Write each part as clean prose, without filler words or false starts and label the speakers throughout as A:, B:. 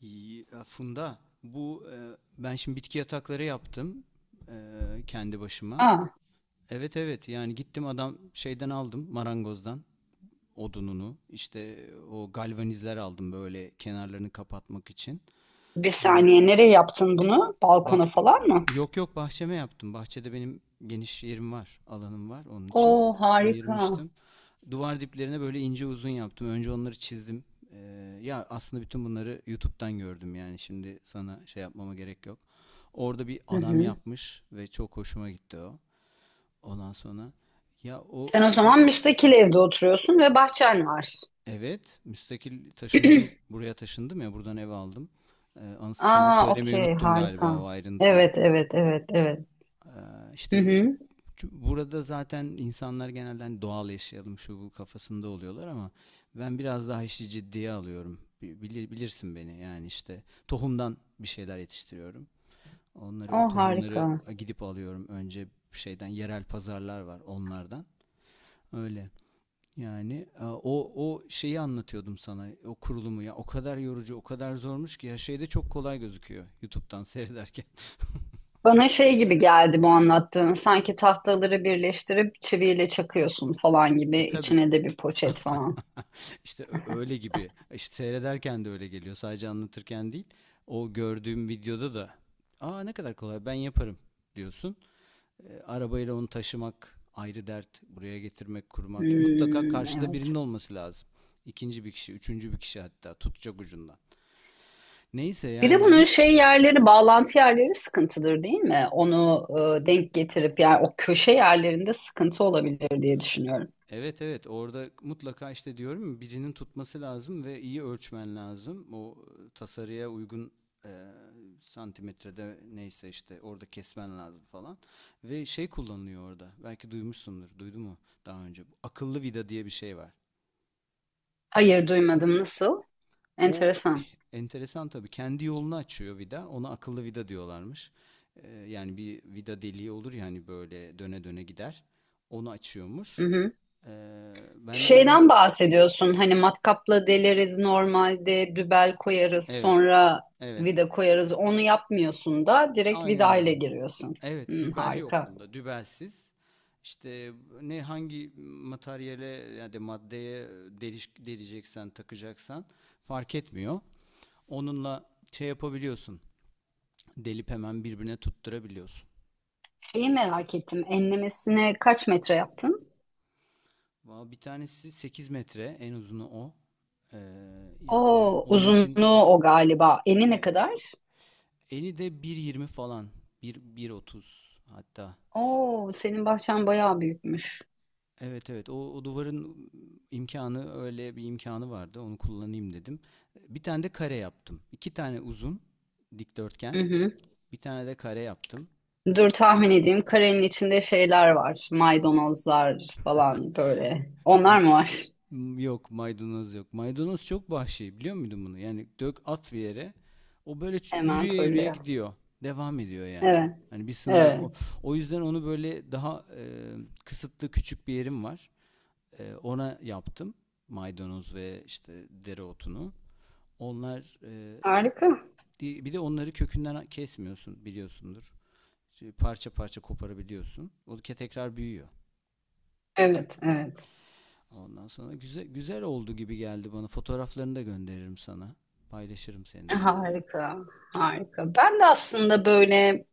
A: İyi, Funda, ben şimdi bitki yatakları yaptım e, kendi başıma.
B: Aa,
A: Evet, evet yani gittim adam şeyden aldım marangozdan odununu, işte o galvanizler aldım böyle kenarlarını kapatmak için.
B: bir
A: Ee,
B: saniye nereye yaptın bunu?
A: Ba
B: Balkona falan mı?
A: Yok, yok, bahçeme yaptım. Bahçede benim geniş yerim var, alanım var onun için.
B: Oo harika.
A: Ayırmıştım. Duvar diplerine böyle ince uzun yaptım. Önce onları çizdim. Ee, Ya aslında bütün bunları YouTube'dan gördüm, yani şimdi sana şey yapmama gerek yok. Orada bir
B: Hı
A: adam
B: hı.
A: yapmış ve çok hoşuma gitti o. Ondan sonra ya o,
B: Sen o
A: o
B: zaman müstakil evde oturuyorsun ve bahçen var.
A: evet müstakil taşındım, buraya taşındım ya, buradan ev aldım. Sana
B: Aa,
A: söylemeyi
B: okey,
A: unuttum galiba o
B: harika.
A: ayrıntıyı.
B: Evet, evet, evet, evet. Hı
A: İşte
B: hı.
A: burada zaten insanlar genelde hani doğal yaşayalım şu bu kafasında oluyorlar ama ben biraz daha işi ciddiye alıyorum. Bilirsin beni, yani işte tohumdan bir şeyler yetiştiriyorum. Onları, o
B: O
A: tohumları
B: harika.
A: gidip alıyorum önce şeyden, yerel pazarlar var onlardan. Öyle. Yani o şeyi anlatıyordum sana. O kurulumu ya, o kadar yorucu, o kadar zormuş ki ya, şeyde çok kolay gözüküyor YouTube'dan seyrederken.
B: Bana şey gibi geldi bu anlattığın. Sanki tahtaları birleştirip çiviyle çakıyorsun falan gibi.
A: Tabii.
B: İçine de bir poşet falan.
A: İşte öyle gibi. İşte seyrederken de öyle geliyor. Sadece anlatırken değil. O gördüğüm videoda da, "Aa, ne kadar kolay, ben yaparım," diyorsun. Arabayla onu taşımak ayrı dert. Buraya getirmek, kurmak. Mutlaka
B: Hmm,
A: karşıda
B: evet.
A: birinin olması lazım. İkinci bir kişi, üçüncü bir kişi hatta, tutacak ucundan. Neyse
B: Bir de
A: yani
B: bunun
A: bir,
B: şey yerleri, bağlantı yerleri sıkıntıdır değil mi? Onu denk getirip yani o köşe yerlerinde sıkıntı olabilir diye düşünüyorum.
A: Evet, evet, orada mutlaka işte diyorum ya, birinin tutması lazım ve iyi ölçmen lazım. O tasarıya uygun e, santimetrede neyse işte orada kesmen lazım falan. Ve şey kullanılıyor orada. Belki duymuşsundur. Duydu mu daha önce? Bu akıllı vida diye bir şey var.
B: Hayır duymadım, nasıl?
A: O
B: Enteresan.
A: enteresan tabii. Kendi yolunu açıyor vida. Ona akıllı vida diyorlarmış. Yani bir vida deliği olur ya hani, böyle döne döne gider. Onu
B: Hı
A: açıyormuş.
B: hı.
A: E, Ben de yeni...
B: Şeyden bahsediyorsun hani matkapla deleriz normalde, dübel koyarız,
A: Evet.
B: sonra
A: Evet.
B: vida koyarız, onu yapmıyorsun da direkt
A: Aynen
B: vida
A: öyle.
B: ile giriyorsun.
A: Evet,
B: Hı,
A: dübel yok
B: harika.
A: bunda. Dübelsiz. İşte hangi materyale, yani de maddeye deleceksen, takacaksan fark etmiyor. Onunla şey yapabiliyorsun. Delip hemen birbirine tutturabiliyorsun.
B: Şeyi merak ettim, enlemesine kaç metre yaptın?
A: Valla bir tanesi 8 metre, en uzunu o. Ee,
B: O
A: Yani onun için
B: uzunluğu o galiba. Eni ne
A: e,
B: kadar?
A: eni de bir yirmi falan. Bir 1,30 hatta.
B: Oo, senin bahçen bayağı büyükmüş.
A: Evet, evet, o duvarın imkanı, öyle bir imkanı vardı, onu kullanayım dedim. Bir tane de kare yaptım. İki tane uzun
B: Hı
A: dikdörtgen,
B: hı.
A: bir tane de kare yaptım.
B: Dur tahmin edeyim. Karenin içinde şeyler var. Maydanozlar falan böyle. Onlar
A: M-
B: mı var?
A: Yok, maydanoz yok. Maydanoz çok vahşi, biliyor muydun bunu? Yani dök at bir yere, o böyle
B: Hemen
A: yürüye yürüye
B: fırlıyor.
A: gidiyor. Devam ediyor yani.
B: Evet,
A: Hani bir sınır yok. O,
B: evet.
A: o yüzden onu böyle daha kısıtlı, küçük bir yerim var. Ona yaptım maydanoz ve işte dereotunu. Onlar.
B: Harika.
A: Bir de onları kökünden kesmiyorsun, biliyorsundur. İşte parça parça koparabiliyorsun. O tekrar büyüyor.
B: Evet, evet.
A: Ondan sonra güzel güzel oldu gibi geldi bana. Fotoğraflarını da gönderirim sana. Paylaşırım seninle yani.
B: Harika, harika. Ben de aslında böyle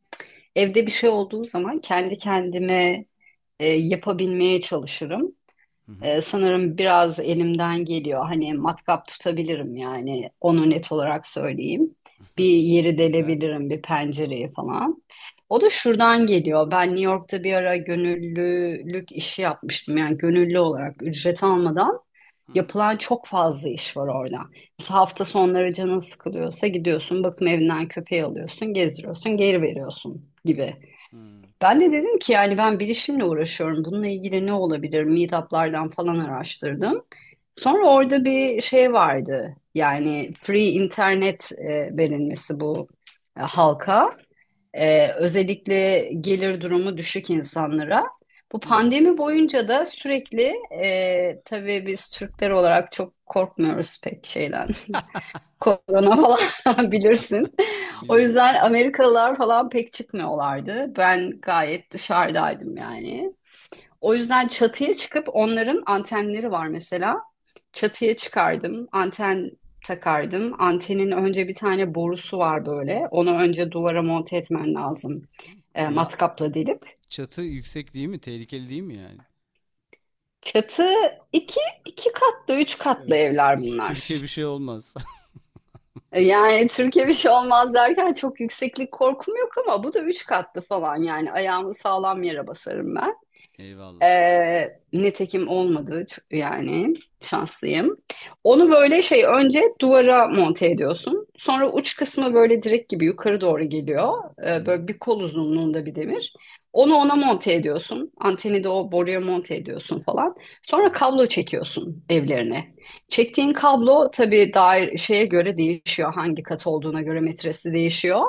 B: evde bir şey olduğu zaman kendi kendime yapabilmeye çalışırım.
A: Hı hı.
B: Sanırım biraz elimden geliyor. Hani matkap tutabilirim, yani onu net olarak söyleyeyim. Bir yeri
A: Güzel.
B: delebilirim, bir pencereyi falan. O da şuradan geliyor. Ben New York'ta bir ara gönüllülük işi yapmıştım. Yani gönüllü olarak ücret almadan
A: Hı hı.
B: yapılan çok fazla iş var orada. Mesela hafta sonları canın sıkılıyorsa gidiyorsun, bakım evinden köpeği alıyorsun, gezdiriyorsun, geri veriyorsun gibi.
A: Hı.
B: Ben de dedim ki yani ben bilişimle uğraşıyorum. Bununla ilgili ne olabilir? Meetup'lardan falan araştırdım. Sonra orada bir şey vardı. Yani free internet verilmesi, bu halka. E, özellikle gelir durumu düşük insanlara. Bu
A: Hı.
B: pandemi boyunca da sürekli tabii biz Türkler olarak çok korkmuyoruz pek şeyden. Korona falan bilirsin. O
A: Bilirim.
B: yüzden Amerikalılar falan pek çıkmıyorlardı. Ben gayet dışarıdaydım yani. O yüzden çatıya çıkıp onların antenleri var mesela. Çatıya çıkardım, anten takardım. Antenin önce bir tane borusu var böyle. Onu önce duvara monte etmen lazım. E,
A: Ya,
B: matkapla delip.
A: çatı yüksek değil mi? Tehlikeli değil mi yani?
B: Çatı iki, iki katlı, üç katlı
A: Evet.
B: evler
A: Türkiye
B: bunlar.
A: bir şey olmaz.
B: E, yani Türkiye bir şey olmaz derken çok yükseklik korkum yok ama bu da üç katlı falan, yani ayağımı sağlam yere basarım ben.
A: Eyvallah.
B: Nitekim olmadı yani şanslıyım. Onu böyle şey, önce duvara monte ediyorsun. Sonra uç kısmı böyle direk gibi yukarı doğru geliyor.
A: Hı hı.
B: Böyle bir kol uzunluğunda bir demir. Onu ona monte ediyorsun. Anteni de o boruya monte ediyorsun falan.
A: Hı
B: Sonra
A: hı.
B: kablo çekiyorsun evlerine. Çektiğin kablo tabii dair şeye göre değişiyor. Hangi kat olduğuna göre metresi değişiyor.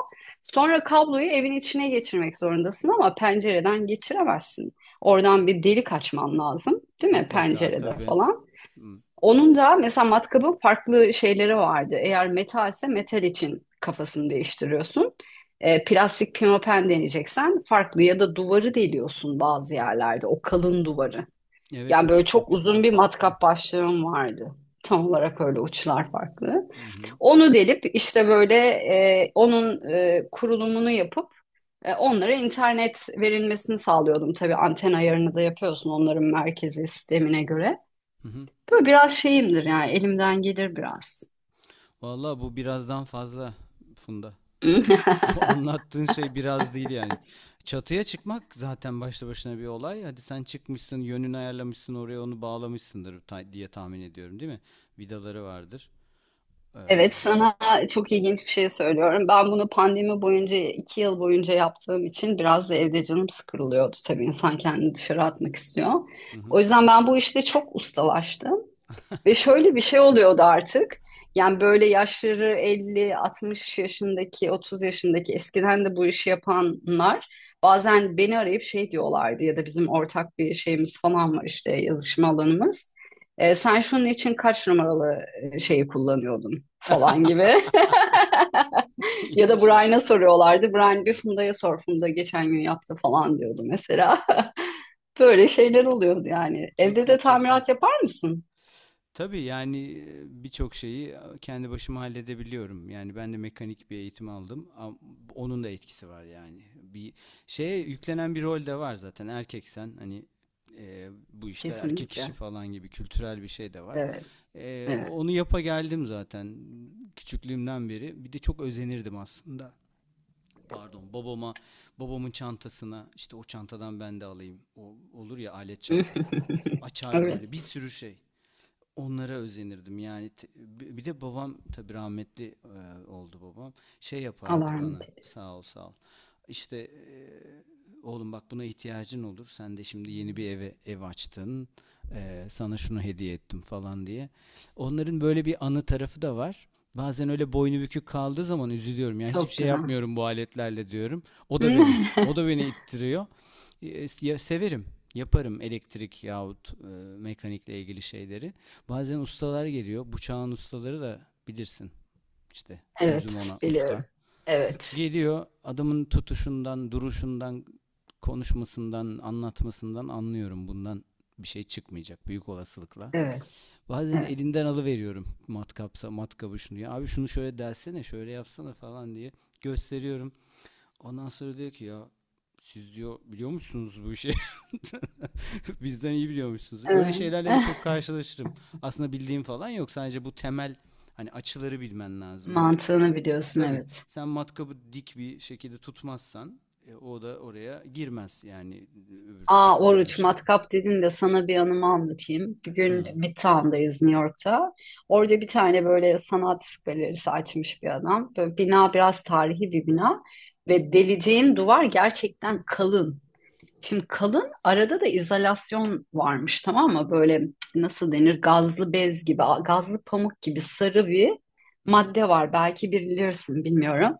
B: Sonra kabloyu evin içine geçirmek zorundasın ama pencereden geçiremezsin. Oradan bir delik açman lazım, değil mi?
A: Mutlaka
B: Pencerede
A: tabii.
B: falan.
A: Hı.
B: Onun da mesela matkabın farklı şeyleri vardı. Eğer metalse metal için kafasını değiştiriyorsun. E, plastik pimapen deneyeceksen farklı, ya da duvarı deliyorsun bazı yerlerde. O kalın duvarı.
A: Evet,
B: Yani böyle çok
A: uçlar
B: uzun bir
A: farklı.
B: matkap başlığım vardı. Tam olarak öyle, uçlar farklı.
A: Hı hı.
B: Onu delip işte böyle onun kurulumunu yapıp onlara internet verilmesini sağlıyordum. Tabii anten ayarını da yapıyorsun onların merkezi sistemine göre.
A: Hı hı.
B: Böyle biraz şeyimdir yani, elimden gelir biraz.
A: Vallahi bu birazdan fazla, Funda. Bu anlattığın şey biraz değil yani. Çatıya çıkmak zaten başlı başına bir olay. Hadi sen çıkmışsın, yönünü ayarlamışsın, oraya onu bağlamışsındır diye tahmin ediyorum, değil mi? Vidaları vardır. Hı
B: Evet, sana çok ilginç bir şey söylüyorum. Ben bunu pandemi boyunca 2 yıl boyunca yaptığım için biraz da evde canım sıkılıyordu. Tabii insan kendini dışarı atmak istiyor.
A: hı.
B: O yüzden ben bu işte çok ustalaştım. Ve şöyle bir şey oluyordu artık. Yani böyle yaşları 50, 60 yaşındaki, 30 yaşındaki eskiden de bu işi yapanlar bazen beni arayıp şey diyorlardı, ya da bizim ortak bir şeyimiz falan var, işte yazışma alanımız. E, sen şunun için kaç numaralı şeyi kullanıyordun falan gibi. Ya da
A: İyiymiş ya.
B: Brian'a soruyorlardı.
A: Hı.
B: Brian bir Funda'ya sor. Funda geçen gün yaptı falan diyordu mesela. Böyle şeyler oluyordu yani. Evde
A: Çok
B: de
A: iyi, çok iyi.
B: tamirat yapar mısın?
A: Tabii yani birçok şeyi kendi başıma halledebiliyorum. Yani ben de mekanik bir eğitim aldım. Onun da etkisi var yani. Bir şeye yüklenen bir rol de var zaten. Erkeksen hani, bu işler erkek işi
B: Kesinlikle.
A: falan gibi kültürel bir şey de var.
B: Evet. Evet.
A: Onu yapa geldim zaten küçüklüğümden beri. Bir de çok özenirdim aslında. Pardon, babama, babamın çantasına, işte o çantadan ben de alayım. O olur ya, alet çanta. Açar
B: Evet.
A: böyle bir sürü şey. Onlara özenirdim yani bir de babam, tabii rahmetli oldu babam, şey
B: Allah
A: yapardı
B: rahmet
A: bana,
B: eylesin.
A: sağ ol sağ ol, işte oğlum bak, buna ihtiyacın olur, sen de şimdi yeni bir eve ev açtın, sana şunu hediye ettim falan diye. Onların böyle bir anı tarafı da var. Bazen öyle boynu bükük kaldığı zaman üzülüyorum yani, hiçbir
B: Çok
A: şey
B: güzel.
A: yapmıyorum bu aletlerle diyorum. o da beni o da beni ittiriyor. Ya severim, yaparım elektrik yahut mekanikle ilgili şeyleri. Bazen ustalar geliyor. Bu çağın ustaları, da bilirsin. İşte sözüm
B: Evet,
A: ona usta.
B: biliyorum. Evet,
A: Geliyor, adamın tutuşundan, duruşundan, konuşmasından, anlatmasından anlıyorum. Bundan bir şey çıkmayacak büyük olasılıkla.
B: evet,
A: Bazen
B: evet.
A: elinden alıveriyorum matkapsa matkabı, şunu, "Ya abi, şunu şöyle dersene, şöyle yapsana," falan diye gösteriyorum. Ondan sonra diyor ki, "Ya siz, diyor, biliyor musunuz bu işi?" Bizden iyi biliyormuşsunuz. Öyle
B: Evet.
A: şeylerle de çok karşılaşırım. Aslında bildiğim falan yok. Sadece bu temel, hani açıları bilmen lazım. O
B: Mantığını biliyorsun,
A: tabii,
B: evet.
A: sen matkabı dik bir şekilde tutmazsan o da oraya girmez yani, öbür
B: Aa,
A: sokacağın
B: Oruç,
A: şey.
B: matkap dedin de sana bir anımı anlatayım. Bir gün
A: Hı.
B: Midtown'dayız, New York'ta. Orada bir tane böyle sanat galerisi açmış bir adam. Böyle bina biraz tarihi bir bina. Ve deleceğin duvar gerçekten kalın. Şimdi kalın, arada da izolasyon varmış, tamam mı? Böyle nasıl denir, gazlı bez gibi, gazlı pamuk gibi sarı bir
A: Hı hı.
B: madde var. Belki bilirsin, bilmiyorum.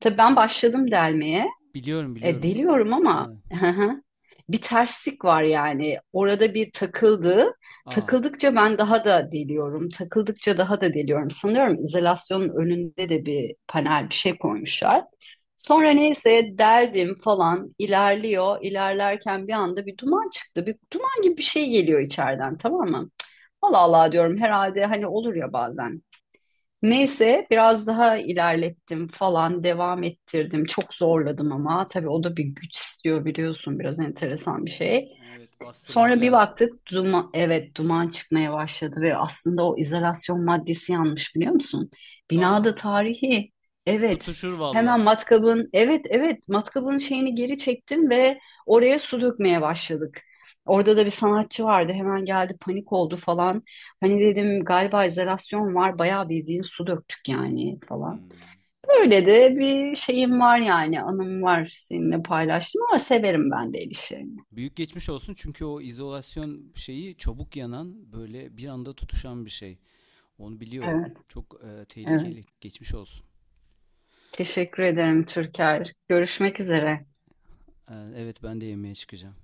B: Tabii ben başladım delmeye.
A: Biliyorum,
B: E,
A: biliyorum.
B: deliyorum ama
A: Evet.
B: hı hı. Bir terslik var yani. Orada bir takıldı.
A: Aa.
B: Takıldıkça ben daha da deliyorum. Takıldıkça daha da deliyorum. Sanıyorum izolasyonun önünde de bir panel bir şey koymuşlar. Sonra neyse, deldim falan, ilerliyor. İlerlerken bir anda bir duman çıktı. Bir duman gibi bir şey geliyor içeriden, tamam mı? Allah Allah diyorum, herhalde hani olur ya bazen. Neyse biraz daha ilerlettim falan, devam ettirdim. Çok zorladım ama tabii o da bir güç istiyor biliyorsun, biraz enteresan bir şey.
A: Evet, bastırmak
B: Sonra bir
A: lazım.
B: baktık duman, evet, duman çıkmaya başladı ve aslında o izolasyon maddesi yanmış, biliyor musun?
A: Aa.
B: Binada tarihi, evet,
A: Tutuşur
B: hemen
A: valla.
B: matkabın, evet, evet, matkabın şeyini geri çektim ve oraya su dökmeye başladık. Orada da bir sanatçı vardı, hemen geldi, panik oldu falan. Hani dedim galiba izolasyon var bayağı, bildiğin su döktük yani falan.
A: Hmm.
B: Öyle de bir şeyim var yani, anım var, seninle paylaştım ama severim ben de el işlerini.
A: Büyük geçmiş olsun, çünkü o izolasyon şeyi çabuk yanan, böyle bir anda tutuşan bir şey. Onu biliyorum.
B: Evet,
A: Çok
B: evet.
A: tehlikeli. Geçmiş olsun.
B: Teşekkür ederim Türker. Görüşmek üzere.
A: Evet, ben de yemeğe çıkacağım.